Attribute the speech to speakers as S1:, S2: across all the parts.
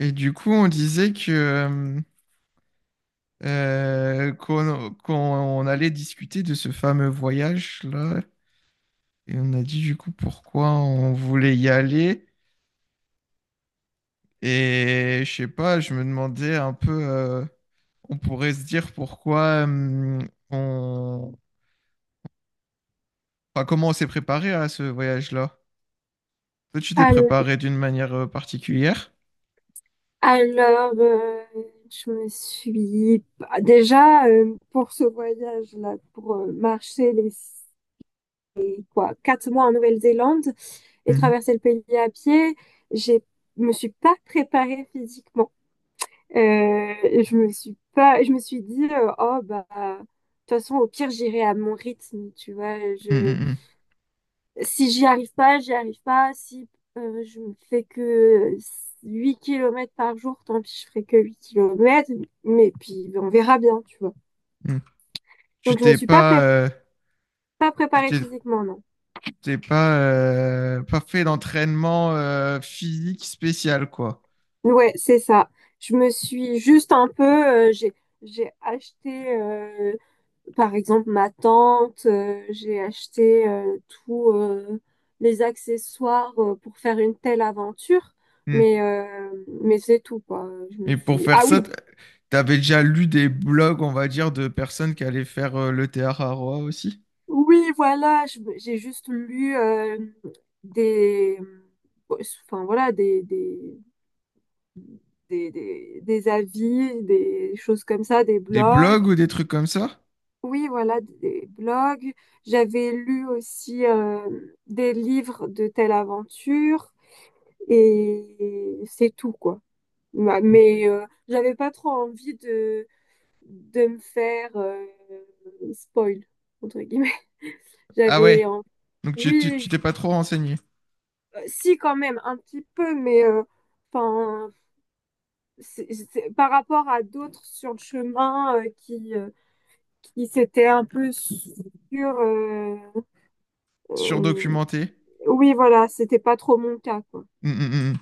S1: Et du coup, on disait que qu'on allait discuter de ce fameux voyage-là. Et on a dit du coup pourquoi on voulait y aller. Et je sais pas, je me demandais un peu, on pourrait se dire pourquoi on... Enfin, comment on s'est préparé à ce voyage-là. Toi, tu t'es
S2: Al-
S1: préparé d'une manière particulière?
S2: Alors, je me suis bah, déjà pour ce voyage-là, pour marcher les quoi, 4 mois en Nouvelle-Zélande et
S1: Mhm.
S2: traverser le pays à pied, j'ai me suis pas préparée physiquement. Euh, je me suis pas, je me suis dit oh bah de toute façon au pire j'irai à mon rythme, tu vois.
S1: Mm,
S2: Je
S1: mm,
S2: Si j'y arrive pas, j'y arrive pas. Si je me fais que 8 kilomètres par jour, tant pis, je ferai que 8 kilomètres. Mais puis, on verra bien, tu vois.
S1: mm, mm.
S2: Donc,
S1: Tu
S2: je me
S1: t'es
S2: suis
S1: pas,
S2: pas
S1: tu
S2: préparée
S1: t'es
S2: physiquement, non.
S1: pas, pas fait d'entraînement physique spécial, quoi.
S2: Ouais, c'est ça. Je me suis juste un peu... J'ai acheté, par exemple, ma tente. J'ai acheté tous les accessoires pour faire une telle aventure.
S1: Mm.
S2: Mais c'est tout, quoi.
S1: Et pour faire
S2: Ah
S1: ça,
S2: oui,
S1: t'avais déjà lu des blogs, on va dire, de personnes qui allaient faire le théâtre à Roa aussi?
S2: oui, voilà, j'ai juste lu des, enfin voilà, des avis, des choses comme ça, des
S1: Des blogs
S2: blogs.
S1: ou des trucs comme ça?
S2: Oui, voilà, des blogs. J'avais lu aussi des livres de telle aventure et c'est tout, quoi. Mais j'avais pas trop envie de me faire spoil, entre guillemets.
S1: Ah
S2: J'avais
S1: ouais.
S2: en-
S1: Donc tu
S2: Oui.
S1: t'es pas trop renseigné,
S2: Si, quand même, un petit peu, mais 'fin, par rapport à d'autres sur le chemin qui s'étaient euh,
S1: surdocumenté.
S2: oui, voilà, c'était pas trop mon cas, quoi.
S1: Hum, hum.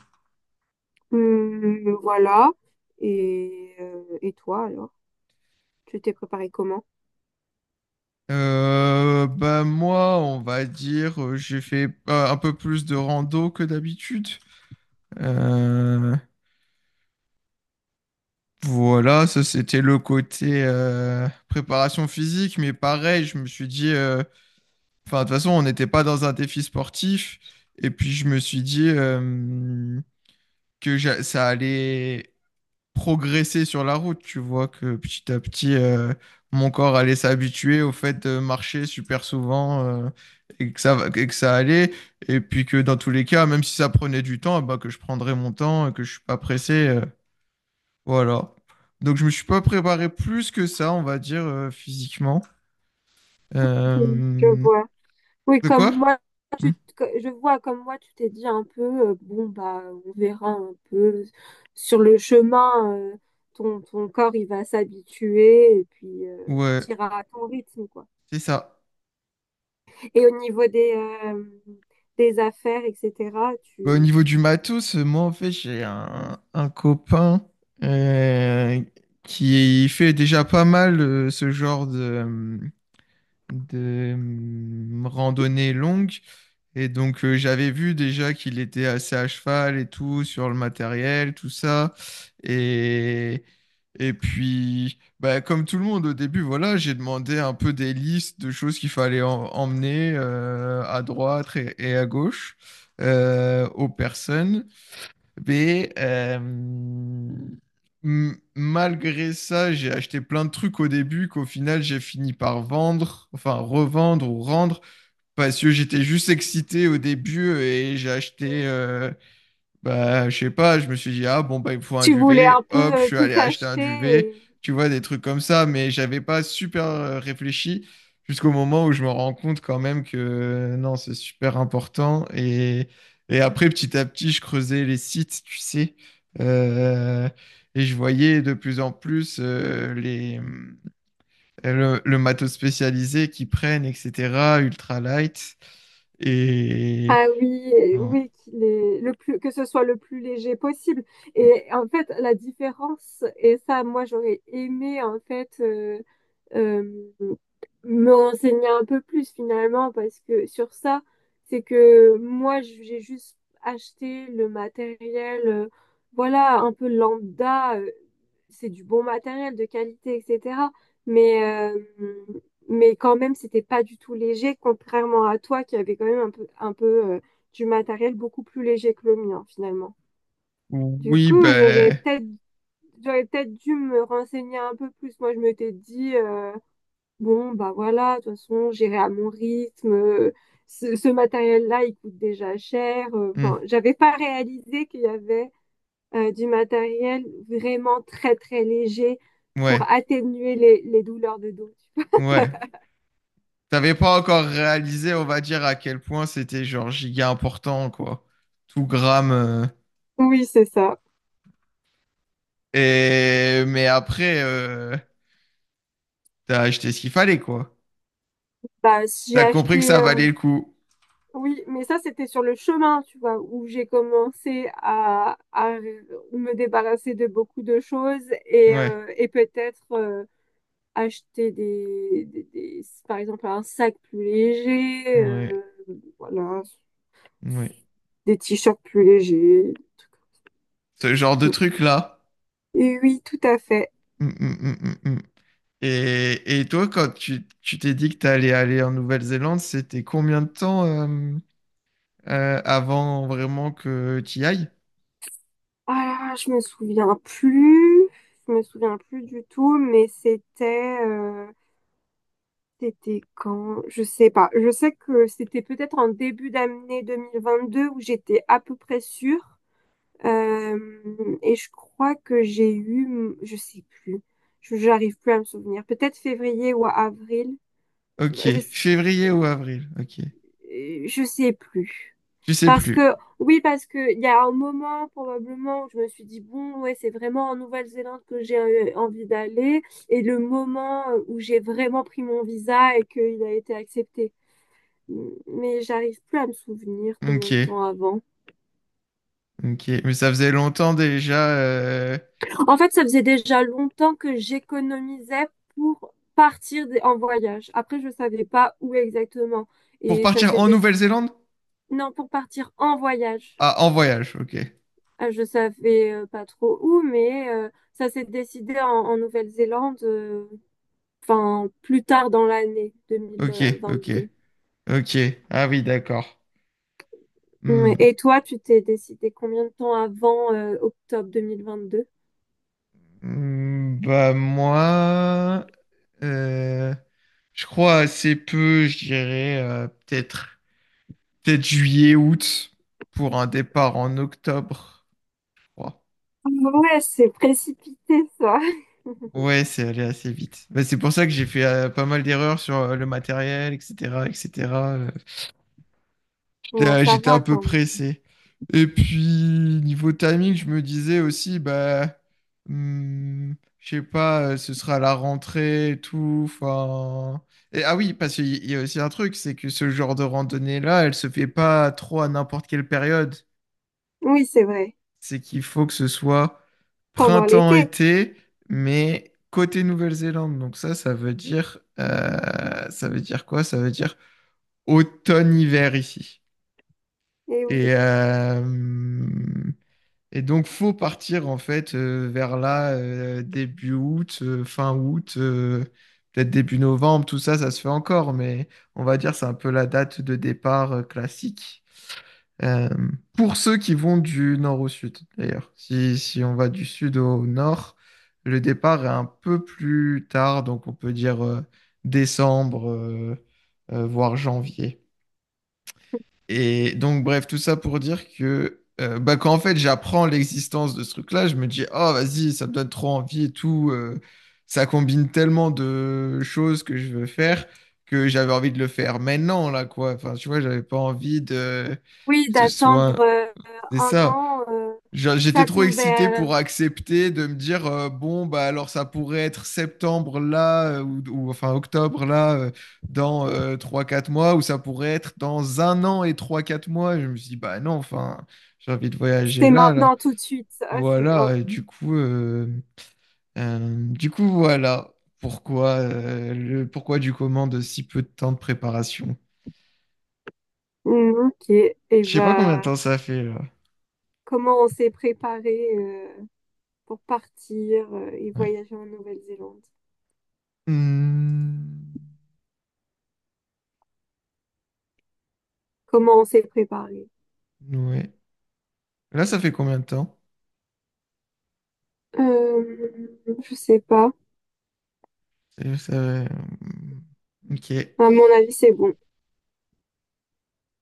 S2: Voilà. Et toi, alors? Tu t'es préparé comment?
S1: Bah moi, on va dire, j'ai fait un peu plus de rando que d'habitude. Euh, voilà, ça c'était le côté préparation physique, mais pareil, je me suis dit, enfin de toute façon, on n'était pas dans un défi sportif, et puis je me suis dit ça allait progresser sur la route. Tu vois que petit à petit, mon corps allait s'habituer au fait de marcher super souvent et et que ça allait. Et puis que dans tous les cas, même si ça prenait du temps, bah, que je prendrais mon temps et que je suis pas pressé. Voilà. Donc je me suis pas préparé plus que ça, on va dire, physiquement.
S2: Je
S1: Euh.
S2: vois. Oui,
S1: De
S2: comme
S1: quoi?
S2: moi,
S1: Hmm.
S2: je vois comme moi, tu t'es dit un peu, bon, bah, on verra un peu sur le chemin, ton corps, il va s'habituer et puis
S1: Ouais,
S2: t'iras à ton rythme, quoi.
S1: c'est ça.
S2: Et au niveau des affaires, etc.,
S1: Bah, au
S2: tu,
S1: niveau du matos, moi en fait j'ai un copain euh, qui fait déjà pas mal ce genre euh, de randonnée longue. Et donc, j'avais vu déjà qu'il était assez à cheval et tout, sur le matériel, tout ça. Et, et puis, bah, comme tout le monde au début, voilà, j'ai demandé un peu des listes de choses qu'il fallait emmener à droite et à gauche aux personnes. Mais malgré ça, j'ai acheté plein de trucs au début qu'au final j'ai fini par vendre, enfin revendre ou rendre, parce que j'étais juste excité au début et j'ai acheté bah, je sais pas, je me suis dit, ah bon, bah, il me faut un
S2: tu voulais un
S1: duvet.
S2: peu
S1: Hop, je suis
S2: tout
S1: allé acheter un
S2: acheter
S1: duvet.
S2: et-
S1: Tu vois, des trucs comme ça, mais j'avais pas super réfléchi jusqu'au moment où je me rends compte quand même que non, c'est super important. Et après, petit à petit, je creusais les sites, tu sais, euh, et je voyais de plus en plus les, le matos spécialisé qu'ils prennent, etc., ultralight. Et
S2: Ah oui, et
S1: bon,
S2: oui, qu'il est le plus, que ce soit le plus léger possible. Et en fait, la différence, et ça, moi, j'aurais aimé, en fait, euh, me renseigner un peu plus finalement parce que sur ça, c'est que moi j'ai juste acheté le matériel, voilà, un peu lambda, c'est du bon matériel de qualité, etc. Mais, euh, mais quand même, c'était pas du tout léger, contrairement à toi qui avait quand même un peu du matériel beaucoup plus léger que le mien finalement. Du
S1: oui,
S2: coup, j'aurais
S1: ben.
S2: peut-être, j'aurais peut-être dû me renseigner un peu plus. Moi, je m'étais dit, bon, bah voilà, de toute façon, j'irai à mon rythme. Ce matériel-là, il coûte déjà cher.
S1: Hmm.
S2: Enfin, j'avais pas réalisé qu'il y avait du matériel vraiment très, très léger pour
S1: Ouais,
S2: atténuer les douleurs de dos.
S1: ouais. T'avais pas encore réalisé, on va dire, à quel point c'était genre giga important, quoi. Tout gramme. Euh.
S2: Oui, c'est ça.
S1: Et mais après, t'as acheté ce qu'il fallait, quoi.
S2: Bah, j'ai
S1: T'as compris que
S2: acheté.
S1: ça valait le coup.
S2: Oui, mais ça, c'était sur le chemin, tu vois, où j'ai commencé à me débarrasser de beaucoup de choses et,
S1: Ouais,
S2: euh, et peut-être acheter par exemple, un sac plus léger,
S1: ouais,
S2: voilà,
S1: ouais.
S2: des t-shirts plus légers.
S1: Ce genre de truc-là.
S2: Et oui, tout à fait.
S1: Mm, mm, mm, mm, mm. Et toi, quand tu t'es dit que t'allais aller en Nouvelle-Zélande, c'était combien de temps avant vraiment que t'y ailles?
S2: Ah, je me souviens plus, je me souviens plus du tout, mais c'était quand? Je sais pas. Je sais que c'était peut-être en début d'année 2022 où j'étais à peu près sûre. Et je crois que j'ai eu, je sais plus. J'arrive plus à me souvenir. Peut-être février ou avril. Bah,
S1: Ok,
S2: je,
S1: février ou avril? Ok,
S2: je sais plus.
S1: tu sais
S2: Parce
S1: plus.
S2: que, oui, parce que il y a un moment probablement où je me suis dit, bon, ouais, c'est vraiment en Nouvelle-Zélande que j'ai envie d'aller. Et le moment où j'ai vraiment pris mon visa et qu'il a été accepté. Mais j'arrive plus à me souvenir combien de
S1: Ok,
S2: temps avant.
S1: ok. Mais ça faisait longtemps déjà. Euh.
S2: En fait, ça faisait déjà longtemps que j'économisais pour partir en voyage. Après, je savais pas où exactement.
S1: Pour
S2: Et ça
S1: partir
S2: s'est
S1: en
S2: décidé.
S1: Nouvelle-Zélande?
S2: Non, pour partir en voyage.
S1: Ah, en voyage. Ok,
S2: Ah, je savais pas trop où, mais ça s'est décidé en Nouvelle-Zélande, enfin plus tard dans l'année
S1: ok, ok,
S2: 2022.
S1: ok. Ah oui, d'accord.
S2: Ouais.
S1: Hmm.
S2: Et toi, tu t'es décidé combien de temps avant octobre 2022?
S1: Hmm. Bah moi, euh, je crois assez peu. Je dirais peut-être, peut-être juillet, août pour un départ en octobre. Je crois.
S2: Ouais, c'est précipité ça.
S1: Ouais, c'est allé assez vite. Bah, c'est pour ça que j'ai fait pas mal d'erreurs sur le matériel, etc., etc.
S2: Ouais, ça
S1: J'étais un
S2: va
S1: peu
S2: quand même.
S1: pressé. Et puis, niveau timing, je me disais aussi, bah, hmm, je sais pas, ce sera à la rentrée et tout. Enfin. Et, ah oui, parce qu'il y a aussi un truc, c'est que ce genre de randonnée-là, elle se fait pas trop à n'importe quelle période.
S2: Oui, c'est vrai.
S1: C'est qu'il faut que ce soit
S2: Pendant l'été.
S1: printemps-été, mais côté Nouvelle-Zélande. Donc ça, ça veut dire quoi? Ça veut dire automne-hiver ici.
S2: Eh oui.
S1: Et, euh, et donc, faut partir en fait vers là, début août, fin août, peut-être début novembre, tout ça, ça se fait encore, mais on va dire c'est un peu la date de départ classique. Euh, pour ceux qui vont du nord au sud, d'ailleurs. Si, si on va du sud au nord, le départ est un peu plus tard, donc on peut dire décembre, voire janvier. Et donc, bref, tout ça pour dire que bah, quand en fait j'apprends l'existence de ce truc-là, je me dis, oh vas-y, ça me donne trop envie et tout. Ça combine tellement de choses que je veux faire que j'avais envie de le faire maintenant, là, quoi. Enfin, tu vois, j'avais pas envie de
S2: Oui,
S1: que ce
S2: d'attendre
S1: soit. C'est
S2: un
S1: ça.
S2: an,
S1: J'étais
S2: ça
S1: trop excité
S2: tombait,
S1: pour accepter de me dire bon bah alors ça pourrait être septembre là ou, enfin octobre là dans trois quatre mois ou ça pourrait être dans un an et trois quatre mois. Et je me suis dit bah non enfin j'ai envie de voyager
S2: c'est
S1: là là.
S2: maintenant tout de suite. Ah, c'est, oh,
S1: Voilà et du coup voilà pourquoi le pourquoi du comment de si peu de temps de préparation.
S2: mm, ok. Et
S1: Je sais pas combien de
S2: ben,
S1: temps ça fait là.
S2: comment on s'est préparé pour partir et
S1: Ouais.
S2: voyager en Nouvelle-Zélande?
S1: Hmm,
S2: Comment on s'est préparé?
S1: ouais. Là ça fait combien de temps?
S2: Euh, je sais pas.
S1: C'est juste, euh. Ok.
S2: À mon avis, c'est bon.